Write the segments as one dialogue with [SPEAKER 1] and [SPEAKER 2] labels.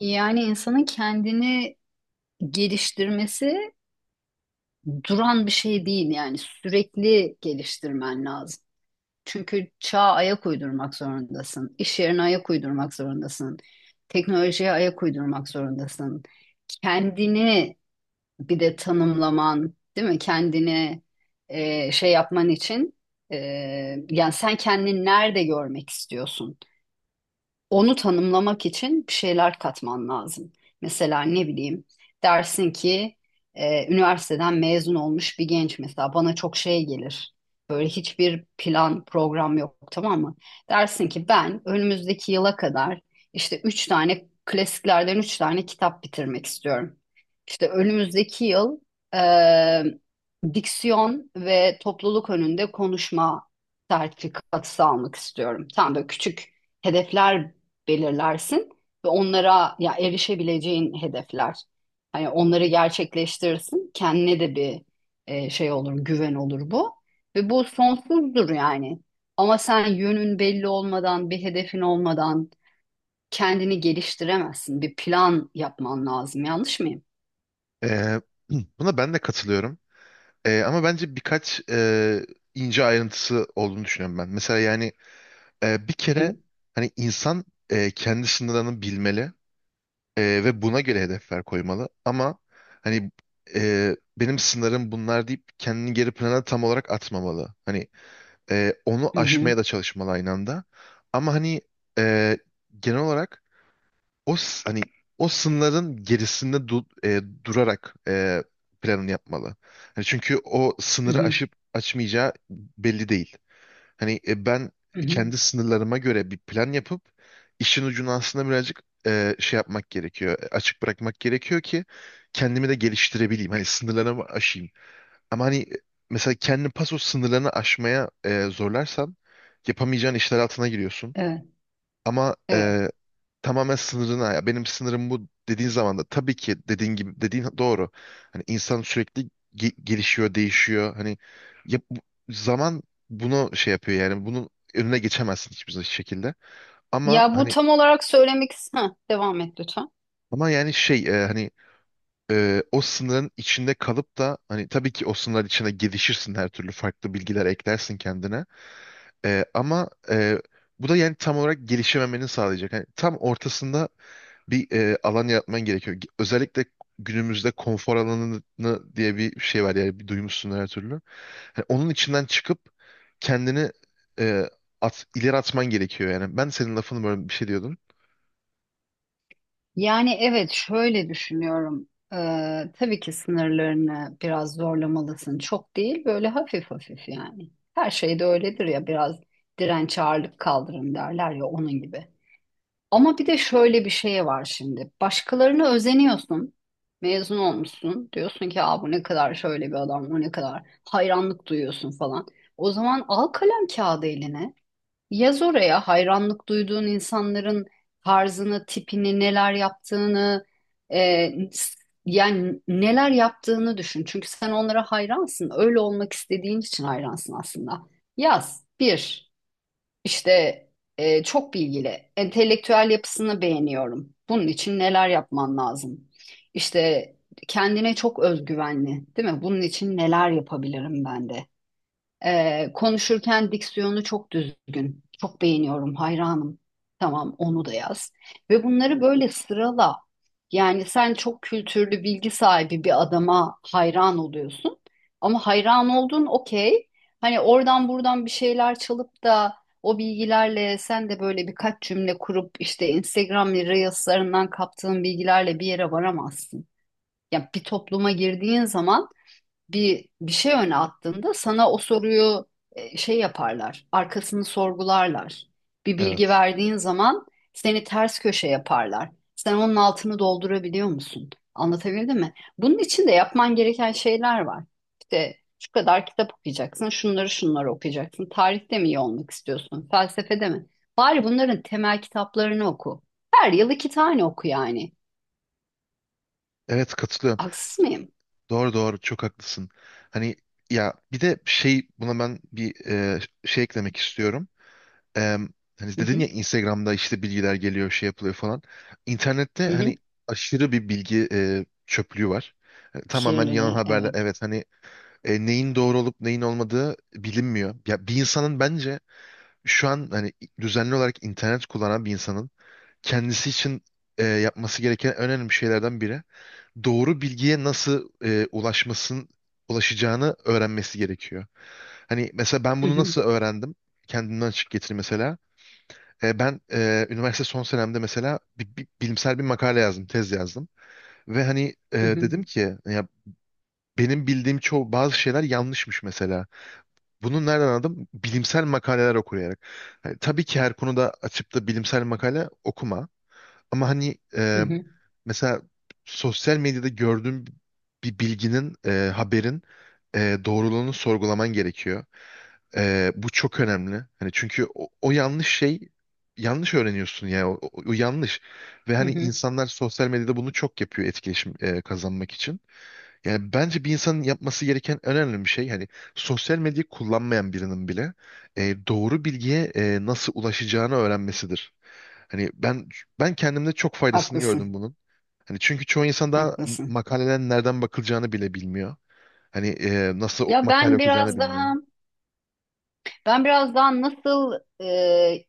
[SPEAKER 1] Yani insanın kendini geliştirmesi duran bir şey değil yani sürekli geliştirmen lazım. Çünkü çağa ayak uydurmak zorundasın, iş yerine ayak uydurmak zorundasın, teknolojiye ayak uydurmak zorundasın. Kendini bir de tanımlaman, değil mi? Kendini şey yapman için e, yani sen kendini nerede görmek istiyorsun? Onu tanımlamak için bir şeyler katman lazım. Mesela ne bileyim dersin ki üniversiteden mezun olmuş bir genç mesela bana çok şey gelir. Böyle hiçbir plan program yok tamam mı? Dersin ki ben önümüzdeki yıla kadar işte üç tane klasiklerden üç tane kitap bitirmek istiyorum. İşte önümüzdeki yıl e, diksiyon ve topluluk önünde konuşma sertifikası almak istiyorum. Tam böyle küçük hedefler belirlersin ve onlara ya erişebileceğin hedefler. Hani onları gerçekleştirirsin. Kendine de bir şey olur, güven olur bu. Ve bu sonsuzdur yani. Ama sen yönün belli olmadan, bir hedefin olmadan kendini geliştiremezsin. Bir plan yapman lazım. Yanlış mıyım?
[SPEAKER 2] Ee, buna ben de katılıyorum. Ama bence birkaç ince ayrıntısı olduğunu düşünüyorum ben. Mesela yani bir
[SPEAKER 1] Hı
[SPEAKER 2] kere
[SPEAKER 1] hı,
[SPEAKER 2] hani insan kendi sınırlarını bilmeli ve buna göre hedefler koymalı. Ama hani benim sınırım bunlar deyip kendini geri plana tam olarak atmamalı. Hani onu
[SPEAKER 1] hı hı,
[SPEAKER 2] aşmaya da çalışmalı aynı anda. Ama hani e, genel olarak hani o sınırların gerisinde durarak planını yapmalı. Hani çünkü o
[SPEAKER 1] hı
[SPEAKER 2] sınırı
[SPEAKER 1] hı,
[SPEAKER 2] aşıp açmayacağı belli değil. Hani ben
[SPEAKER 1] hı hı.
[SPEAKER 2] kendi sınırlarıma göre bir plan yapıp işin ucunu aslında birazcık şey yapmak gerekiyor. Açık bırakmak gerekiyor ki kendimi de geliştirebileyim. Hani sınırlarımı aşayım. Ama hani mesela kendi paso sınırlarını aşmaya zorlarsan yapamayacağın işler altına giriyorsun.
[SPEAKER 1] Evet,
[SPEAKER 2] Ama
[SPEAKER 1] evet.
[SPEAKER 2] tamamen sınırına ya benim sınırım bu dediğin zaman da tabii ki dediğin gibi dediğin doğru. Hani insan sürekli gelişiyor, değişiyor. Hani ya bu- zaman bunu şey yapıyor yani bunun önüne geçemezsin hiçbir şekilde. Ama
[SPEAKER 1] Ya bu
[SPEAKER 2] hani
[SPEAKER 1] tam olarak söylemek... Heh, devam et lütfen.
[SPEAKER 2] ama yani hani o sınırın içinde kalıp da hani tabii ki o sınırlar içine gelişirsin her türlü farklı bilgiler eklersin kendine. Ama bu da yani tam olarak gelişememenin sağlayacak. Hani tam ortasında bir alan yaratman gerekiyor. Özellikle günümüzde konfor alanı diye bir şey var yani bir duymuşsun her türlü. Hani onun içinden çıkıp kendini e, ileri atman gerekiyor yani. Ben senin lafını böyle bir şey diyordum.
[SPEAKER 1] Yani evet şöyle düşünüyorum. Tabii ki sınırlarını biraz zorlamalısın. Çok değil böyle hafif hafif yani. Her şey de öyledir ya biraz direnç ağırlık kaldırın derler ya onun gibi. Ama bir de şöyle bir şey var şimdi. Başkalarına özeniyorsun. Mezun olmuşsun. Diyorsun ki: "Aa, bu ne kadar şöyle bir adam, bu ne kadar hayranlık duyuyorsun" falan. O zaman al kalem kağıdı eline. Yaz oraya hayranlık duyduğun insanların tarzını, tipini, neler yaptığını, e, yani neler yaptığını düşün. Çünkü sen onlara hayransın. Öyle olmak istediğin için hayransın aslında. Yaz bir işte çok bilgili, entelektüel yapısını beğeniyorum. Bunun için neler yapman lazım? İşte kendine çok özgüvenli, değil mi? Bunun için neler yapabilirim ben de? Konuşurken diksiyonu çok düzgün. Çok beğeniyorum, hayranım. Tamam, onu da yaz. Ve bunları böyle sırala. Yani sen çok kültürlü, bilgi sahibi bir adama hayran oluyorsun. Ama hayran oldun, okey. Hani oradan buradan bir şeyler çalıp da o bilgilerle sen de böyle birkaç cümle kurup işte Instagram Reels'larından kaptığın bilgilerle bir yere varamazsın. Yani bir topluma girdiğin zaman bir şey öne attığında sana o soruyu şey yaparlar. Arkasını sorgularlar. Bir bilgi
[SPEAKER 2] Evet.
[SPEAKER 1] verdiğin zaman seni ters köşe yaparlar. Sen onun altını doldurabiliyor musun? Anlatabildim mi? Bunun için de yapman gereken şeyler var. İşte şu kadar kitap okuyacaksın, şunları şunları okuyacaksın. Tarihte mi iyi olmak istiyorsun, felsefede mi? Bari bunların temel kitaplarını oku. Her yıl iki tane oku yani.
[SPEAKER 2] Evet, katılıyorum.
[SPEAKER 1] Haksız mıyım?
[SPEAKER 2] Doğru, doğru, çok haklısın. Hani ya bir de şey buna ben bir şey eklemek istiyorum. e, Hani
[SPEAKER 1] Hı
[SPEAKER 2] dedin
[SPEAKER 1] hı,
[SPEAKER 2] ya Instagram'da işte bilgiler geliyor şey yapılıyor falan. İnternette
[SPEAKER 1] hı
[SPEAKER 2] hani
[SPEAKER 1] hı.
[SPEAKER 2] aşırı bir bilgi çöplüğü var. Tamamen yalan
[SPEAKER 1] Kirliliği,
[SPEAKER 2] haberler.
[SPEAKER 1] evet.
[SPEAKER 2] Evet, hani neyin doğru olup neyin olmadığı bilinmiyor. Ya bir insanın bence şu an hani düzenli olarak internet kullanan bir insanın kendisi için yapması gereken en önemli şeylerden biri doğru bilgiye nasıl e, ulaşmasın ulaşacağını öğrenmesi gerekiyor. Hani mesela ben
[SPEAKER 1] Hı
[SPEAKER 2] bunu
[SPEAKER 1] hı,
[SPEAKER 2] nasıl öğrendim? Kendimden açık getir mesela. Ben üniversite son senemde mesela bilimsel bir makale yazdım, tez yazdım. Ve hani
[SPEAKER 1] hı hı.
[SPEAKER 2] dedim ki ya benim bildiğim çoğu bazı şeyler yanlışmış mesela. Bunu nereden anladım? Bilimsel makaleler okuyarak. Hani tabii ki her konuda açıp da bilimsel makale okuma. Ama hani
[SPEAKER 1] Hı hı,
[SPEAKER 2] mesela sosyal medyada gördüğüm bir bilginin, haberin doğruluğunu sorgulaman gerekiyor. Bu çok önemli. Hani çünkü o yanlış şey yanlış öğreniyorsun ya. O yanlış. Ve
[SPEAKER 1] hı
[SPEAKER 2] hani
[SPEAKER 1] hı.
[SPEAKER 2] insanlar sosyal medyada bunu çok yapıyor etkileşim kazanmak için. Yani bence bir insanın yapması gereken en önemli bir şey hani sosyal medyayı kullanmayan birinin bile doğru bilgiye nasıl ulaşacağını öğrenmesidir. Hani ben kendimde çok faydasını gördüm
[SPEAKER 1] Haklısın,
[SPEAKER 2] bunun. Hani çünkü çoğu insan daha
[SPEAKER 1] haklısın.
[SPEAKER 2] makalelerin nereden bakılacağını bile bilmiyor. Hani nasıl
[SPEAKER 1] Ya
[SPEAKER 2] makale
[SPEAKER 1] ben
[SPEAKER 2] okuyacağını
[SPEAKER 1] biraz
[SPEAKER 2] bilmiyor.
[SPEAKER 1] daha, ben biraz daha nasıl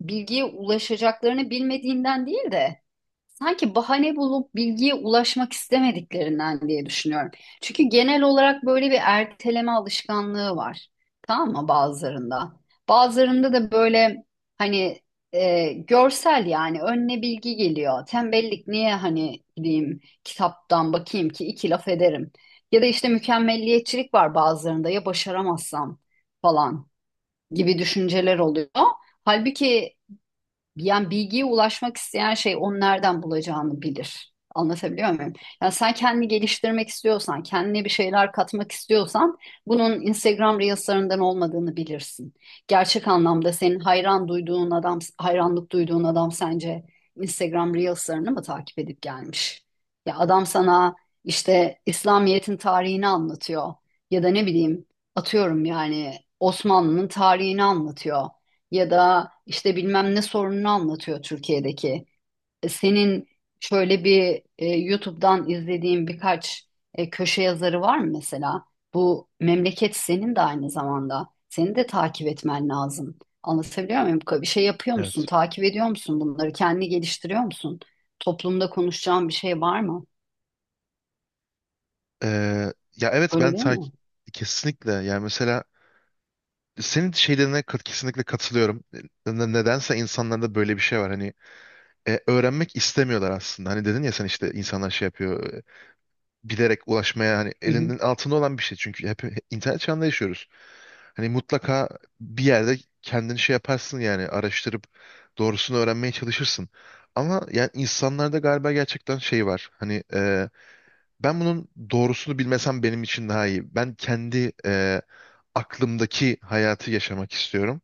[SPEAKER 1] bilgiye ulaşacaklarını bilmediğinden değil de sanki bahane bulup bilgiye ulaşmak istemediklerinden diye düşünüyorum. Çünkü genel olarak böyle bir erteleme alışkanlığı var. Tamam mı bazılarında? Bazılarında da böyle hani görsel yani önüne bilgi geliyor. Tembellik niye hani gideyim kitaptan bakayım ki iki laf ederim. Ya da işte mükemmelliyetçilik var bazılarında ya başaramazsam falan gibi düşünceler oluyor. Halbuki yani bilgiye ulaşmak isteyen şey onu nereden bulacağını bilir. Anlatabiliyor muyum? Yani sen kendini geliştirmek istiyorsan, kendine bir şeyler katmak istiyorsan bunun Instagram Reels'larından olmadığını bilirsin. Gerçek anlamda senin hayran duyduğun adam, hayranlık duyduğun adam sence Instagram Reels'larını mı takip edip gelmiş? Ya adam sana işte İslamiyet'in tarihini anlatıyor ya da ne bileyim atıyorum yani Osmanlı'nın tarihini anlatıyor ya da işte bilmem ne sorununu anlatıyor Türkiye'deki. Senin şöyle bir YouTube'dan izlediğin birkaç köşe yazarı var mı mesela? Bu memleket senin de aynı zamanda. Seni de takip etmen lazım. Anlatabiliyor muyum? Bir şey yapıyor musun?
[SPEAKER 2] Evet.
[SPEAKER 1] Takip ediyor musun bunları? Kendini geliştiriyor musun? Toplumda konuşacağın bir şey var mı?
[SPEAKER 2] Ee, Ya evet,
[SPEAKER 1] Öyle değil mi?
[SPEAKER 2] kesinlikle yani mesela senin şeylerine kesinlikle katılıyorum. Nedense insanlarda böyle bir şey var hani öğrenmek istemiyorlar aslında. Hani dedin ya sen işte insanlar şey yapıyor bilerek ulaşmaya hani
[SPEAKER 1] Hı hı.
[SPEAKER 2] elinin altında olan bir şey çünkü hep internet çağında yaşıyoruz. Hani mutlaka bir yerde kendini şey yaparsın yani araştırıp doğrusunu öğrenmeye çalışırsın. Ama yani insanlarda galiba gerçekten şey var. Hani ben bunun doğrusunu bilmesem benim için daha iyi. Ben kendi aklımdaki hayatı yaşamak istiyorum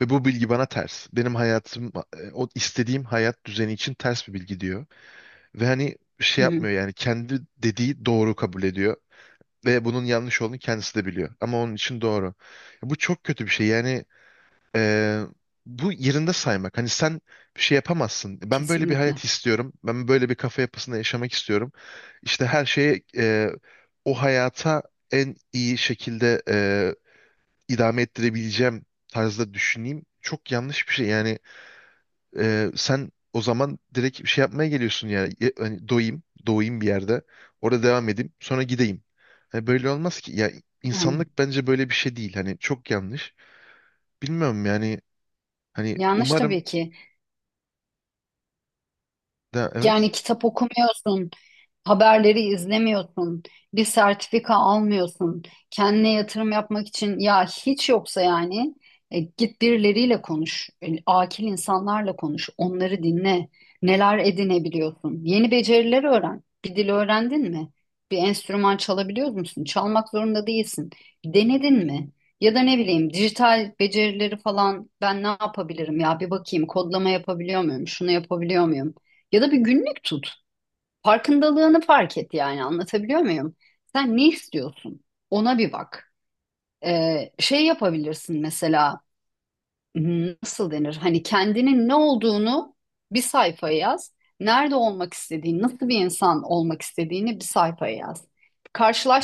[SPEAKER 2] ve bu bilgi bana ters. Benim hayatım o istediğim hayat düzeni için ters bir bilgi diyor. Ve hani şey
[SPEAKER 1] Hı hı.
[SPEAKER 2] yapmıyor yani kendi dediği doğru kabul ediyor ve bunun yanlış olduğunu kendisi de biliyor ama onun için doğru. Bu çok kötü bir şey yani e, bu yerinde saymak. Hani sen bir şey yapamazsın. Ben böyle bir hayat
[SPEAKER 1] Kesinlikle.
[SPEAKER 2] istiyorum. Ben böyle bir kafa yapısında yaşamak istiyorum. İşte her şeye o hayata en iyi şekilde idame ettirebileceğim tarzda düşüneyim. Çok yanlış bir şey. Yani sen o zaman direkt bir şey yapmaya geliyorsun yani. Hani doyayım, doğayım bir yerde. Orada devam edeyim, sonra gideyim. Hani böyle olmaz ki. Ya
[SPEAKER 1] Aynen.
[SPEAKER 2] insanlık bence böyle bir şey değil. Hani çok yanlış. Bilmiyorum yani. Hani
[SPEAKER 1] Yanlış
[SPEAKER 2] umarım
[SPEAKER 1] tabii ki.
[SPEAKER 2] da
[SPEAKER 1] Yani
[SPEAKER 2] evet.
[SPEAKER 1] kitap okumuyorsun, haberleri izlemiyorsun, bir sertifika almıyorsun, kendine yatırım yapmak için ya hiç yoksa yani git birileriyle konuş, akil insanlarla konuş, onları dinle, neler edinebiliyorsun, yeni beceriler öğren. Bir dil öğrendin mi? Bir enstrüman çalabiliyor musun? Çalmak zorunda değilsin. Denedin mi? Ya da ne bileyim dijital becerileri falan ben ne yapabilirim ya bir bakayım kodlama yapabiliyor muyum, şunu yapabiliyor muyum? Ya da bir günlük tut. Farkındalığını fark et yani anlatabiliyor muyum? Sen ne istiyorsun? Ona bir bak. Şey yapabilirsin mesela. Nasıl denir? Hani kendinin ne olduğunu bir sayfaya yaz. Nerede olmak istediğini, nasıl bir insan olmak istediğini bir sayfaya yaz.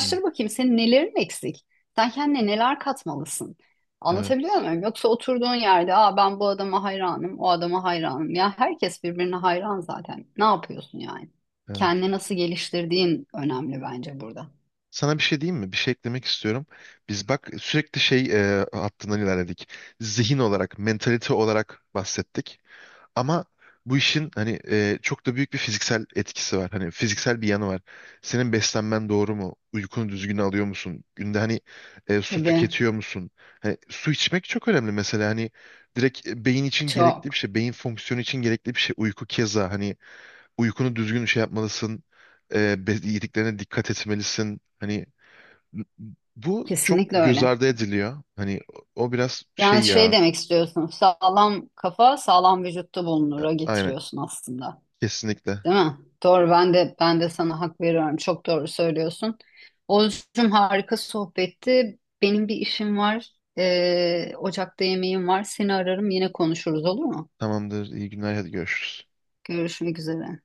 [SPEAKER 2] Hı.
[SPEAKER 1] bakayım senin nelerin eksik? Sen kendine neler katmalısın? Anlatabiliyor
[SPEAKER 2] Evet.
[SPEAKER 1] muyum? Yoksa oturduğun yerde: "Aa, ben bu adama hayranım, o adama hayranım." Ya herkes birbirine hayran zaten. Ne yapıyorsun yani?
[SPEAKER 2] Evet.
[SPEAKER 1] Kendini nasıl geliştirdiğin önemli bence burada.
[SPEAKER 2] Sana bir şey diyeyim mi? Bir şey eklemek istiyorum. Biz bak sürekli şey hattından ilerledik. Zihin olarak, mentalite olarak bahsettik. Ama bu işin hani çok da büyük bir fiziksel etkisi var. Hani fiziksel bir yanı var. Senin beslenmen doğru mu? Uykunu düzgün alıyor musun? Günde hani su
[SPEAKER 1] Tabii,
[SPEAKER 2] tüketiyor musun? Hani su içmek çok önemli mesela. Hani direkt beyin için gerekli bir
[SPEAKER 1] çok.
[SPEAKER 2] şey. Beyin fonksiyonu için gerekli bir şey. Uyku keza hani uykunu düzgün şey yapmalısın. Yediklerine dikkat etmelisin. Hani bu çok
[SPEAKER 1] Kesinlikle
[SPEAKER 2] göz
[SPEAKER 1] öyle.
[SPEAKER 2] ardı ediliyor. Hani o biraz
[SPEAKER 1] Yani
[SPEAKER 2] şey
[SPEAKER 1] şey
[SPEAKER 2] ya.
[SPEAKER 1] demek istiyorsun. Sağlam kafa sağlam vücutta bulunura
[SPEAKER 2] Aynen.
[SPEAKER 1] getiriyorsun aslında.
[SPEAKER 2] Kesinlikle.
[SPEAKER 1] Değil mi? Doğru, ben de sana hak veriyorum. Çok doğru söylüyorsun. Oğuzcum harika sohbetti. Benim bir işim var. Ocakta yemeğim var. Seni ararım yine konuşuruz olur mu?
[SPEAKER 2] Tamamdır. İyi günler. Hadi görüşürüz.
[SPEAKER 1] Görüşmek üzere.